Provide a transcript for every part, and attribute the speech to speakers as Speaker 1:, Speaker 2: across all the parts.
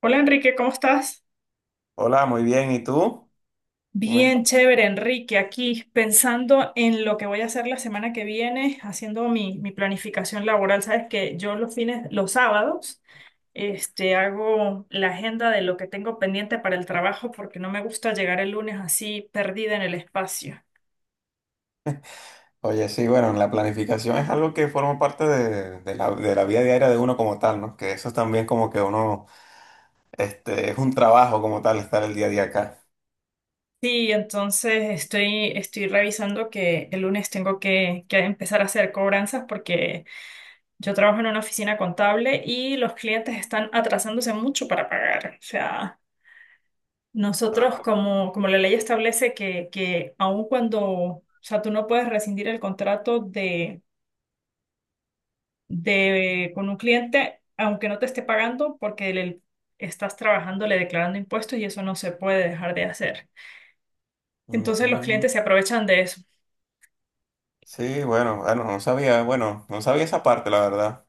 Speaker 1: Hola Enrique, ¿cómo estás?
Speaker 2: Hola, muy bien. ¿Y tú? Muy-
Speaker 1: Bien, chévere, Enrique, aquí pensando en lo que voy a hacer la semana que viene, haciendo mi planificación laboral. Sabes que yo los fines, los sábados, hago la agenda de lo que tengo pendiente para el trabajo porque no me gusta llegar el lunes así perdida en el espacio.
Speaker 2: Oye, sí, bueno, la planificación es algo que forma parte de la vida diaria de uno como tal, ¿no? Que eso es también como que uno es un trabajo como tal estar el día a día acá.
Speaker 1: Sí, entonces estoy revisando que el lunes tengo que empezar a hacer cobranzas porque yo trabajo en una oficina contable y los clientes están atrasándose mucho para pagar. O sea, nosotros como la ley establece que aun cuando, o sea, tú no puedes rescindir el contrato con un cliente, aunque no te esté pagando, porque le estás trabajando, le declarando impuestos y eso no se puede dejar de hacer. Entonces los
Speaker 2: Mm,
Speaker 1: clientes se aprovechan de eso.
Speaker 2: sí, bueno, no sabía, bueno, no sabía esa parte, la verdad.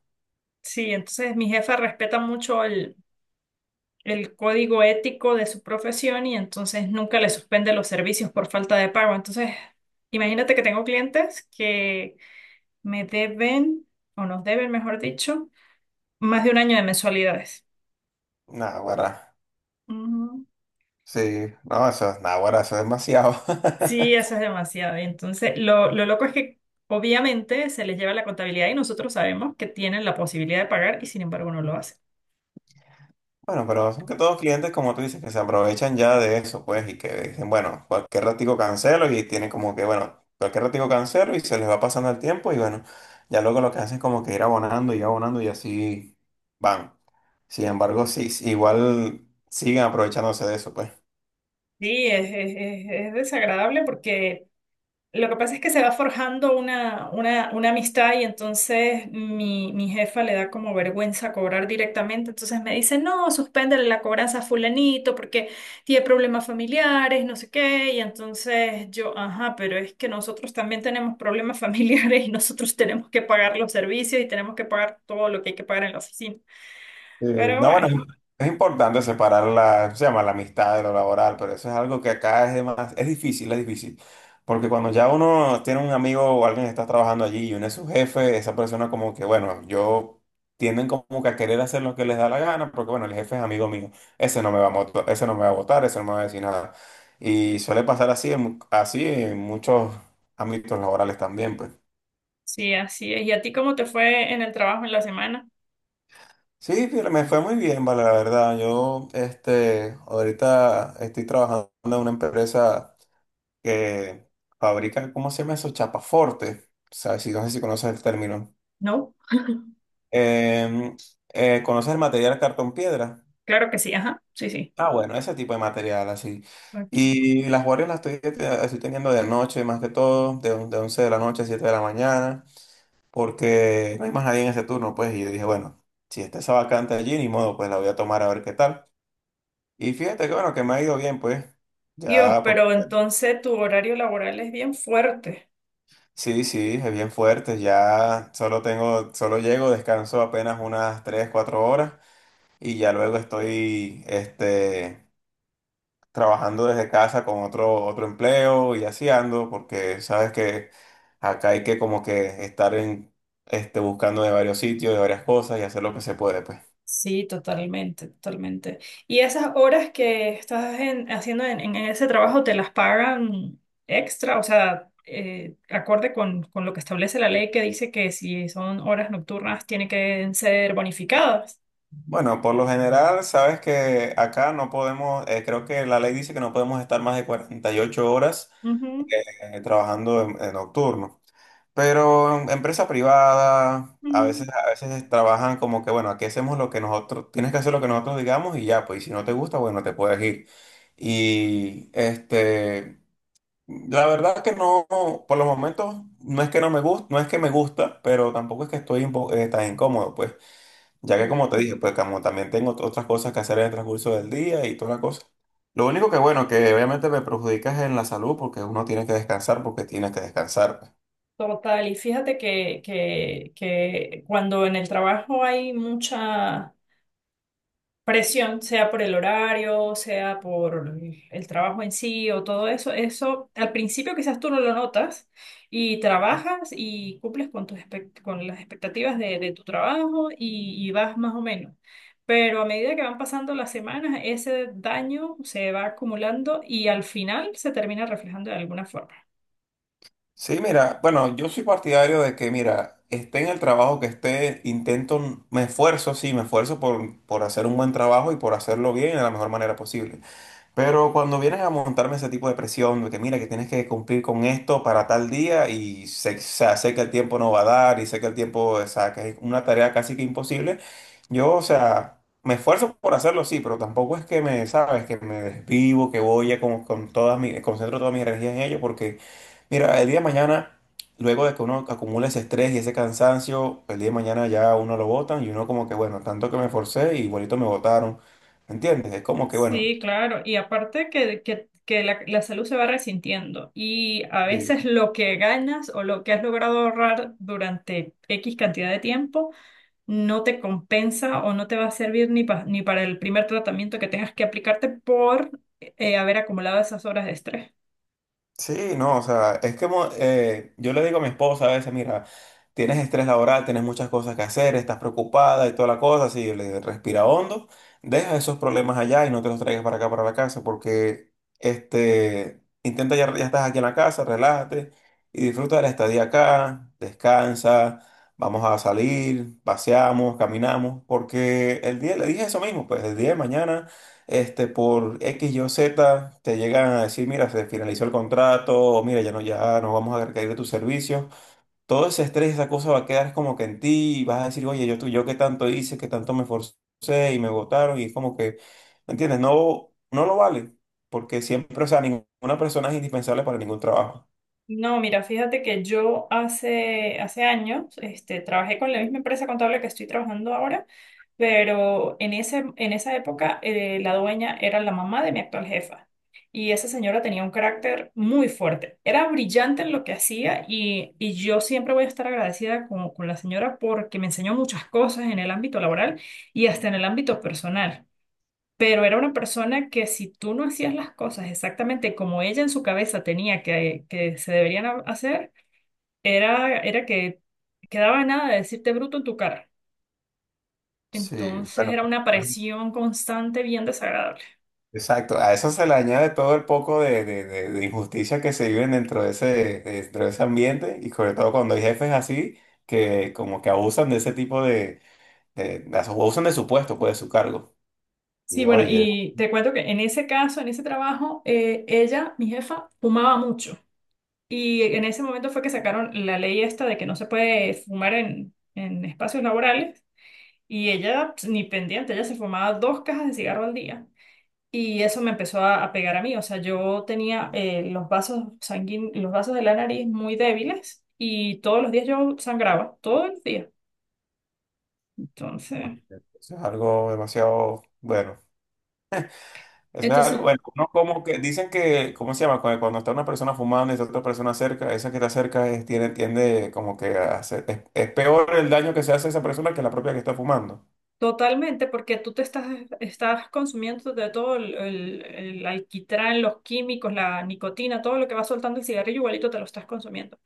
Speaker 1: Sí, entonces mi jefa respeta mucho el código ético de su profesión y entonces nunca le suspende los servicios por falta de pago. Entonces, imagínate que tengo clientes que me deben, o nos deben, mejor dicho, más de un año de mensualidades.
Speaker 2: Naguará.
Speaker 1: Ujú.
Speaker 2: Sí, no, eso, naguará, eso es demasiado.
Speaker 1: Sí, eso es demasiado. Y entonces, lo loco es que obviamente se les lleva la contabilidad y nosotros sabemos que tienen la posibilidad de pagar y sin embargo no lo hacen.
Speaker 2: Bueno, pero son que todos clientes, como tú dices, que se aprovechan ya de eso, pues, y que dicen, bueno, cualquier ratico cancelo y tienen como que, bueno, cualquier ratico cancelo y se les va pasando el tiempo y bueno, ya luego lo que hacen es como que ir abonando y abonando y así van. Sin embargo, sí, sí, igual siguen aprovechándose de eso, pues.
Speaker 1: Sí, es desagradable porque lo que pasa es que se va forjando una amistad y entonces mi jefa le da como vergüenza cobrar directamente, entonces me dice, no, suspéndele la cobranza a fulanito porque tiene problemas familiares, no sé qué, y entonces yo, ajá, pero es que nosotros también tenemos problemas familiares y nosotros tenemos que pagar los servicios y tenemos que pagar todo lo que hay que pagar en la oficina.
Speaker 2: Sí,
Speaker 1: Pero
Speaker 2: no, bueno,
Speaker 1: bueno,
Speaker 2: es importante separar la, ¿cómo se llama? La amistad de lo laboral, pero eso es algo que acá es de más, es difícil, es difícil. Porque cuando ya uno tiene un amigo o alguien que está trabajando allí y uno es su jefe, esa persona como que, bueno, yo tienden como que a querer hacer lo que les da la gana, porque bueno, el jefe es amigo mío, ese no me va a votar, ese no me va a votar, ese no me va a decir nada. Y suele pasar así así en muchos ámbitos laborales también, pues.
Speaker 1: sí, así es. ¿Y a ti cómo te fue en el trabajo en la semana?
Speaker 2: Sí, fíjate, me fue muy bien, vale, la verdad. Yo, este, ahorita estoy trabajando en una empresa que fabrica, ¿cómo se llama eso? Chapaforte. O sea, si, no sé si conoces el término.
Speaker 1: No,
Speaker 2: Em, ¿Conoces el material cartón piedra?
Speaker 1: claro que sí, ajá, sí, sí.
Speaker 2: Ah, bueno, ese tipo de material, así.
Speaker 1: Ok.
Speaker 2: Y las guardias las estoy teniendo de noche, más que todo, de 11 de la noche a 7 de la mañana, porque no hay más nadie en ese turno, pues. Y yo dije, bueno, si está esa vacante allí, ni modo, pues la voy a tomar a ver qué tal. Y fíjate que bueno, que me ha ido bien, pues.
Speaker 1: Dios,
Speaker 2: Ya, porque
Speaker 1: pero entonces tu horario laboral es bien fuerte.
Speaker 2: sí, sí, es bien fuerte. Ya solo tengo, solo llego, descanso apenas unas 3 o 4 horas y ya luego estoy, este, trabajando desde casa con otro empleo y así ando, porque sabes que acá hay que como que estar en buscando de varios sitios, de varias cosas y hacer lo que se puede, pues.
Speaker 1: Sí, totalmente, totalmente. ¿Y esas horas que haciendo en ese trabajo te las pagan extra? O sea, acorde con lo que establece la ley que dice que si son horas nocturnas tienen que ser bonificadas.
Speaker 2: Bueno, por lo general, sabes que acá no podemos, creo que la ley dice que no podemos estar más de 48 horas
Speaker 1: Ujú,
Speaker 2: trabajando en nocturno. Pero en empresa privada, a veces,
Speaker 1: ujú.
Speaker 2: a veces trabajan como que, bueno, aquí hacemos lo que nosotros, tienes que hacer lo que nosotros digamos y ya, pues, y si no te gusta, bueno, te puedes ir. Y este, la verdad que no, por los momentos, no es que no me gusta, no es que me gusta, pero tampoco es que tan incómodo, pues. Ya que como te dije, pues como también tengo otras cosas que hacer en el transcurso del día y todas las cosas. Lo único que bueno, que obviamente me perjudica es en la salud porque uno tiene que descansar porque tiene que descansar pues.
Speaker 1: Total, y fíjate que cuando en el trabajo hay mucha presión, sea por el horario, sea por el trabajo en sí o todo eso, eso al principio quizás tú no lo notas y trabajas y cumples con con las expectativas de tu trabajo y vas más o menos. Pero a medida que van pasando las semanas, ese daño se va acumulando y al final se termina reflejando de alguna forma.
Speaker 2: Sí, mira, bueno, yo soy partidario de que, mira, esté en el trabajo que esté, intento, me esfuerzo, sí, me esfuerzo por hacer un buen trabajo y por hacerlo bien de la mejor manera posible. Pero cuando vienes a montarme ese tipo de presión, de que mira que tienes que cumplir con esto para tal día y sé, o sea, sé que el tiempo no va a dar y sé que el tiempo, o sea, que es una tarea casi que imposible, yo, o sea, me esfuerzo por hacerlo, sí, pero tampoco es que me, sabes, que me desvivo, que voy a con todas mis, concentro toda mi energía en ello, porque mira, el día de mañana, luego de que uno acumula ese estrés y ese cansancio, el día de mañana ya uno lo botan y uno como que, bueno, tanto que me esforcé y bonito me botaron, ¿me entiendes? Es como que, bueno.
Speaker 1: Sí, claro. Y aparte que la salud se va resintiendo y a
Speaker 2: Sí,
Speaker 1: veces lo que ganas o lo que has logrado ahorrar durante X cantidad de tiempo no te compensa o no te va a servir ni para el primer tratamiento que tengas que aplicarte por haber acumulado esas horas de estrés.
Speaker 2: sí, no, o sea, es que yo le digo a mi esposa a veces, mira, tienes estrés laboral, tienes muchas cosas que hacer, estás preocupada y toda la cosa, así, yo le digo, respira hondo, deja esos problemas allá y no te los traigas para acá, para la casa, porque, este, intenta ya estás aquí en la casa, relájate y disfruta de la estadía acá, descansa, vamos a salir, paseamos, caminamos, porque el día, le dije eso mismo, pues el día de mañana este, por X, Y, o Z, te llegan a decir, mira, se finalizó el contrato, o mira, ya no vamos a requerir de tus servicios. Todo ese estrés, esa cosa va a quedar como que en ti y vas a decir, oye, yo qué tanto hice, qué tanto me esforcé y me votaron y es como que, ¿me entiendes? No, no lo vale, porque siempre, o sea, ninguna persona es indispensable para ningún trabajo.
Speaker 1: No, mira, fíjate que yo hace, hace años trabajé con la misma empresa contable que estoy trabajando ahora, pero en ese, en esa época la dueña era la mamá de mi actual jefa y esa señora tenía un carácter muy fuerte. Era brillante en lo que hacía y yo siempre voy a estar agradecida con la señora porque me enseñó muchas cosas en el ámbito laboral y hasta en el ámbito personal. Pero era una persona que si tú no hacías las cosas exactamente como ella en su cabeza tenía que se deberían hacer, era que quedaba nada de decirte bruto en tu cara.
Speaker 2: Sí.
Speaker 1: Entonces
Speaker 2: Bueno,
Speaker 1: era una presión constante bien desagradable.
Speaker 2: exacto, a eso se le añade todo el poco de injusticia que se viven dentro de ese ambiente y sobre todo cuando hay jefes así que como que abusan de ese tipo abusan de su puesto, pues de su cargo.
Speaker 1: Sí,
Speaker 2: Y
Speaker 1: bueno,
Speaker 2: oye,
Speaker 1: y te cuento que en ese caso, en ese trabajo, ella, mi jefa, fumaba mucho. Y en ese momento fue que sacaron la ley esta de que no se puede fumar en espacios laborales. Y ella, pues, ni pendiente, ella se fumaba dos cajas de cigarro al día. Y eso me empezó a pegar a mí. O sea, yo tenía los vasos sanguíneos, los vasos de la nariz muy débiles y todos los días yo sangraba, todos los días. Entonces,
Speaker 2: eso es algo demasiado bueno. Eso es algo,
Speaker 1: entonces,
Speaker 2: bueno, uno como que dicen que, ¿cómo se llama? Cuando, cuando está una persona fumando y está otra persona cerca, esa que está cerca tiene, tiende como que a es peor el daño que se hace a esa persona que la propia que está fumando.
Speaker 1: totalmente, porque tú te estás, estás consumiendo de todo el alquitrán, los químicos, la nicotina, todo lo que va soltando el cigarrillo, igualito te lo estás consumiendo.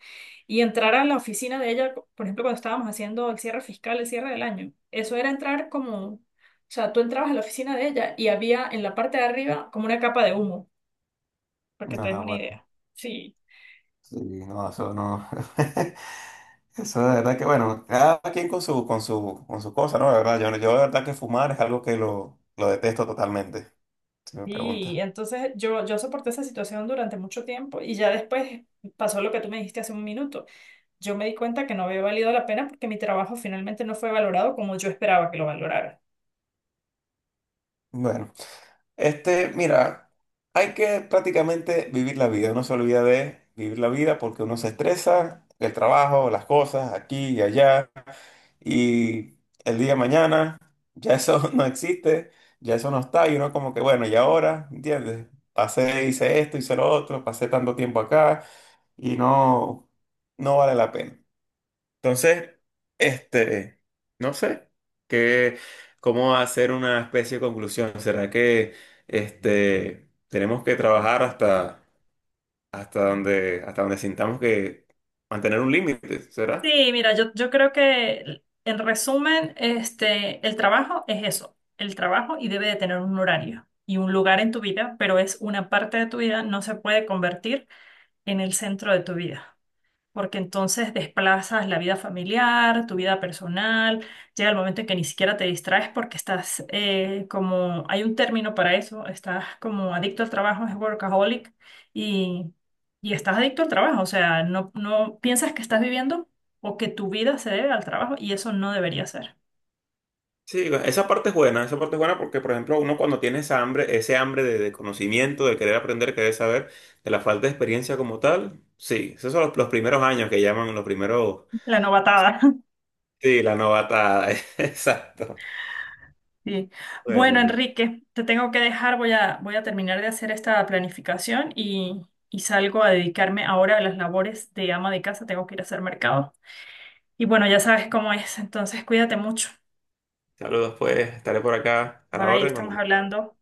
Speaker 1: Y entrar a la oficina de ella, por ejemplo, cuando estábamos haciendo el cierre fiscal, el cierre del año, eso era entrar como, o sea, tú entrabas a la oficina de ella y había en la parte de arriba como una capa de humo, para que te des
Speaker 2: Ah,
Speaker 1: una
Speaker 2: bueno.
Speaker 1: idea. Sí.
Speaker 2: Sí, no, eso no. Eso de verdad que, bueno, cada quien con su cosa, ¿no? De verdad, yo de verdad que fumar es algo que lo detesto totalmente, si me preguntas.
Speaker 1: Y entonces yo soporté esa situación durante mucho tiempo y ya después pasó lo que tú me dijiste hace un minuto. Yo me di cuenta que no había valido la pena porque mi trabajo finalmente no fue valorado como yo esperaba que lo valoraran.
Speaker 2: Bueno, este, mira, hay que prácticamente vivir la vida. Uno se olvida de vivir la vida porque uno se estresa, el trabajo, las cosas, aquí y allá, y el día de mañana ya eso no existe, ya eso no está, y uno como que, bueno, ¿y ahora? ¿Entiendes? Pasé, hice esto, hice lo otro, pasé tanto tiempo acá y no, no vale la pena. Entonces, este, no sé, qué, cómo hacer una especie de conclusión. ¿Será que este, tenemos que trabajar hasta, hasta donde sintamos que mantener un límite? ¿Será?
Speaker 1: Sí, mira, yo creo que en resumen, el trabajo es eso, el trabajo y debe de tener un horario y un lugar en tu vida, pero es una parte de tu vida, no se puede convertir en el centro de tu vida porque entonces desplazas la vida familiar, tu vida personal, llega el momento en que ni siquiera te distraes porque estás como, hay un término para eso, estás como adicto al trabajo, es workaholic, y, y estás adicto al trabajo, o sea, no, no piensas que estás viviendo o que tu vida se debe al trabajo y eso no debería ser.
Speaker 2: Sí, esa parte es buena, esa parte es buena porque, por ejemplo, uno cuando tiene esa hambre, ese hambre de conocimiento, de querer aprender, querer saber, de la falta de experiencia como tal, sí, esos son los primeros años que llaman los primeros,
Speaker 1: La novatada.
Speaker 2: sí, la novatada, exacto.
Speaker 1: Sí.
Speaker 2: Bueno,
Speaker 1: Bueno,
Speaker 2: vale.
Speaker 1: Enrique, te tengo que dejar, voy voy a terminar de hacer esta planificación y salgo a dedicarme ahora a las labores de ama de casa, tengo que ir a hacer mercado. Y bueno, ya sabes cómo es, entonces cuídate mucho.
Speaker 2: Saludos pues, estaré por acá a la
Speaker 1: Bye,
Speaker 2: orden.
Speaker 1: estamos
Speaker 2: Cuando-
Speaker 1: hablando.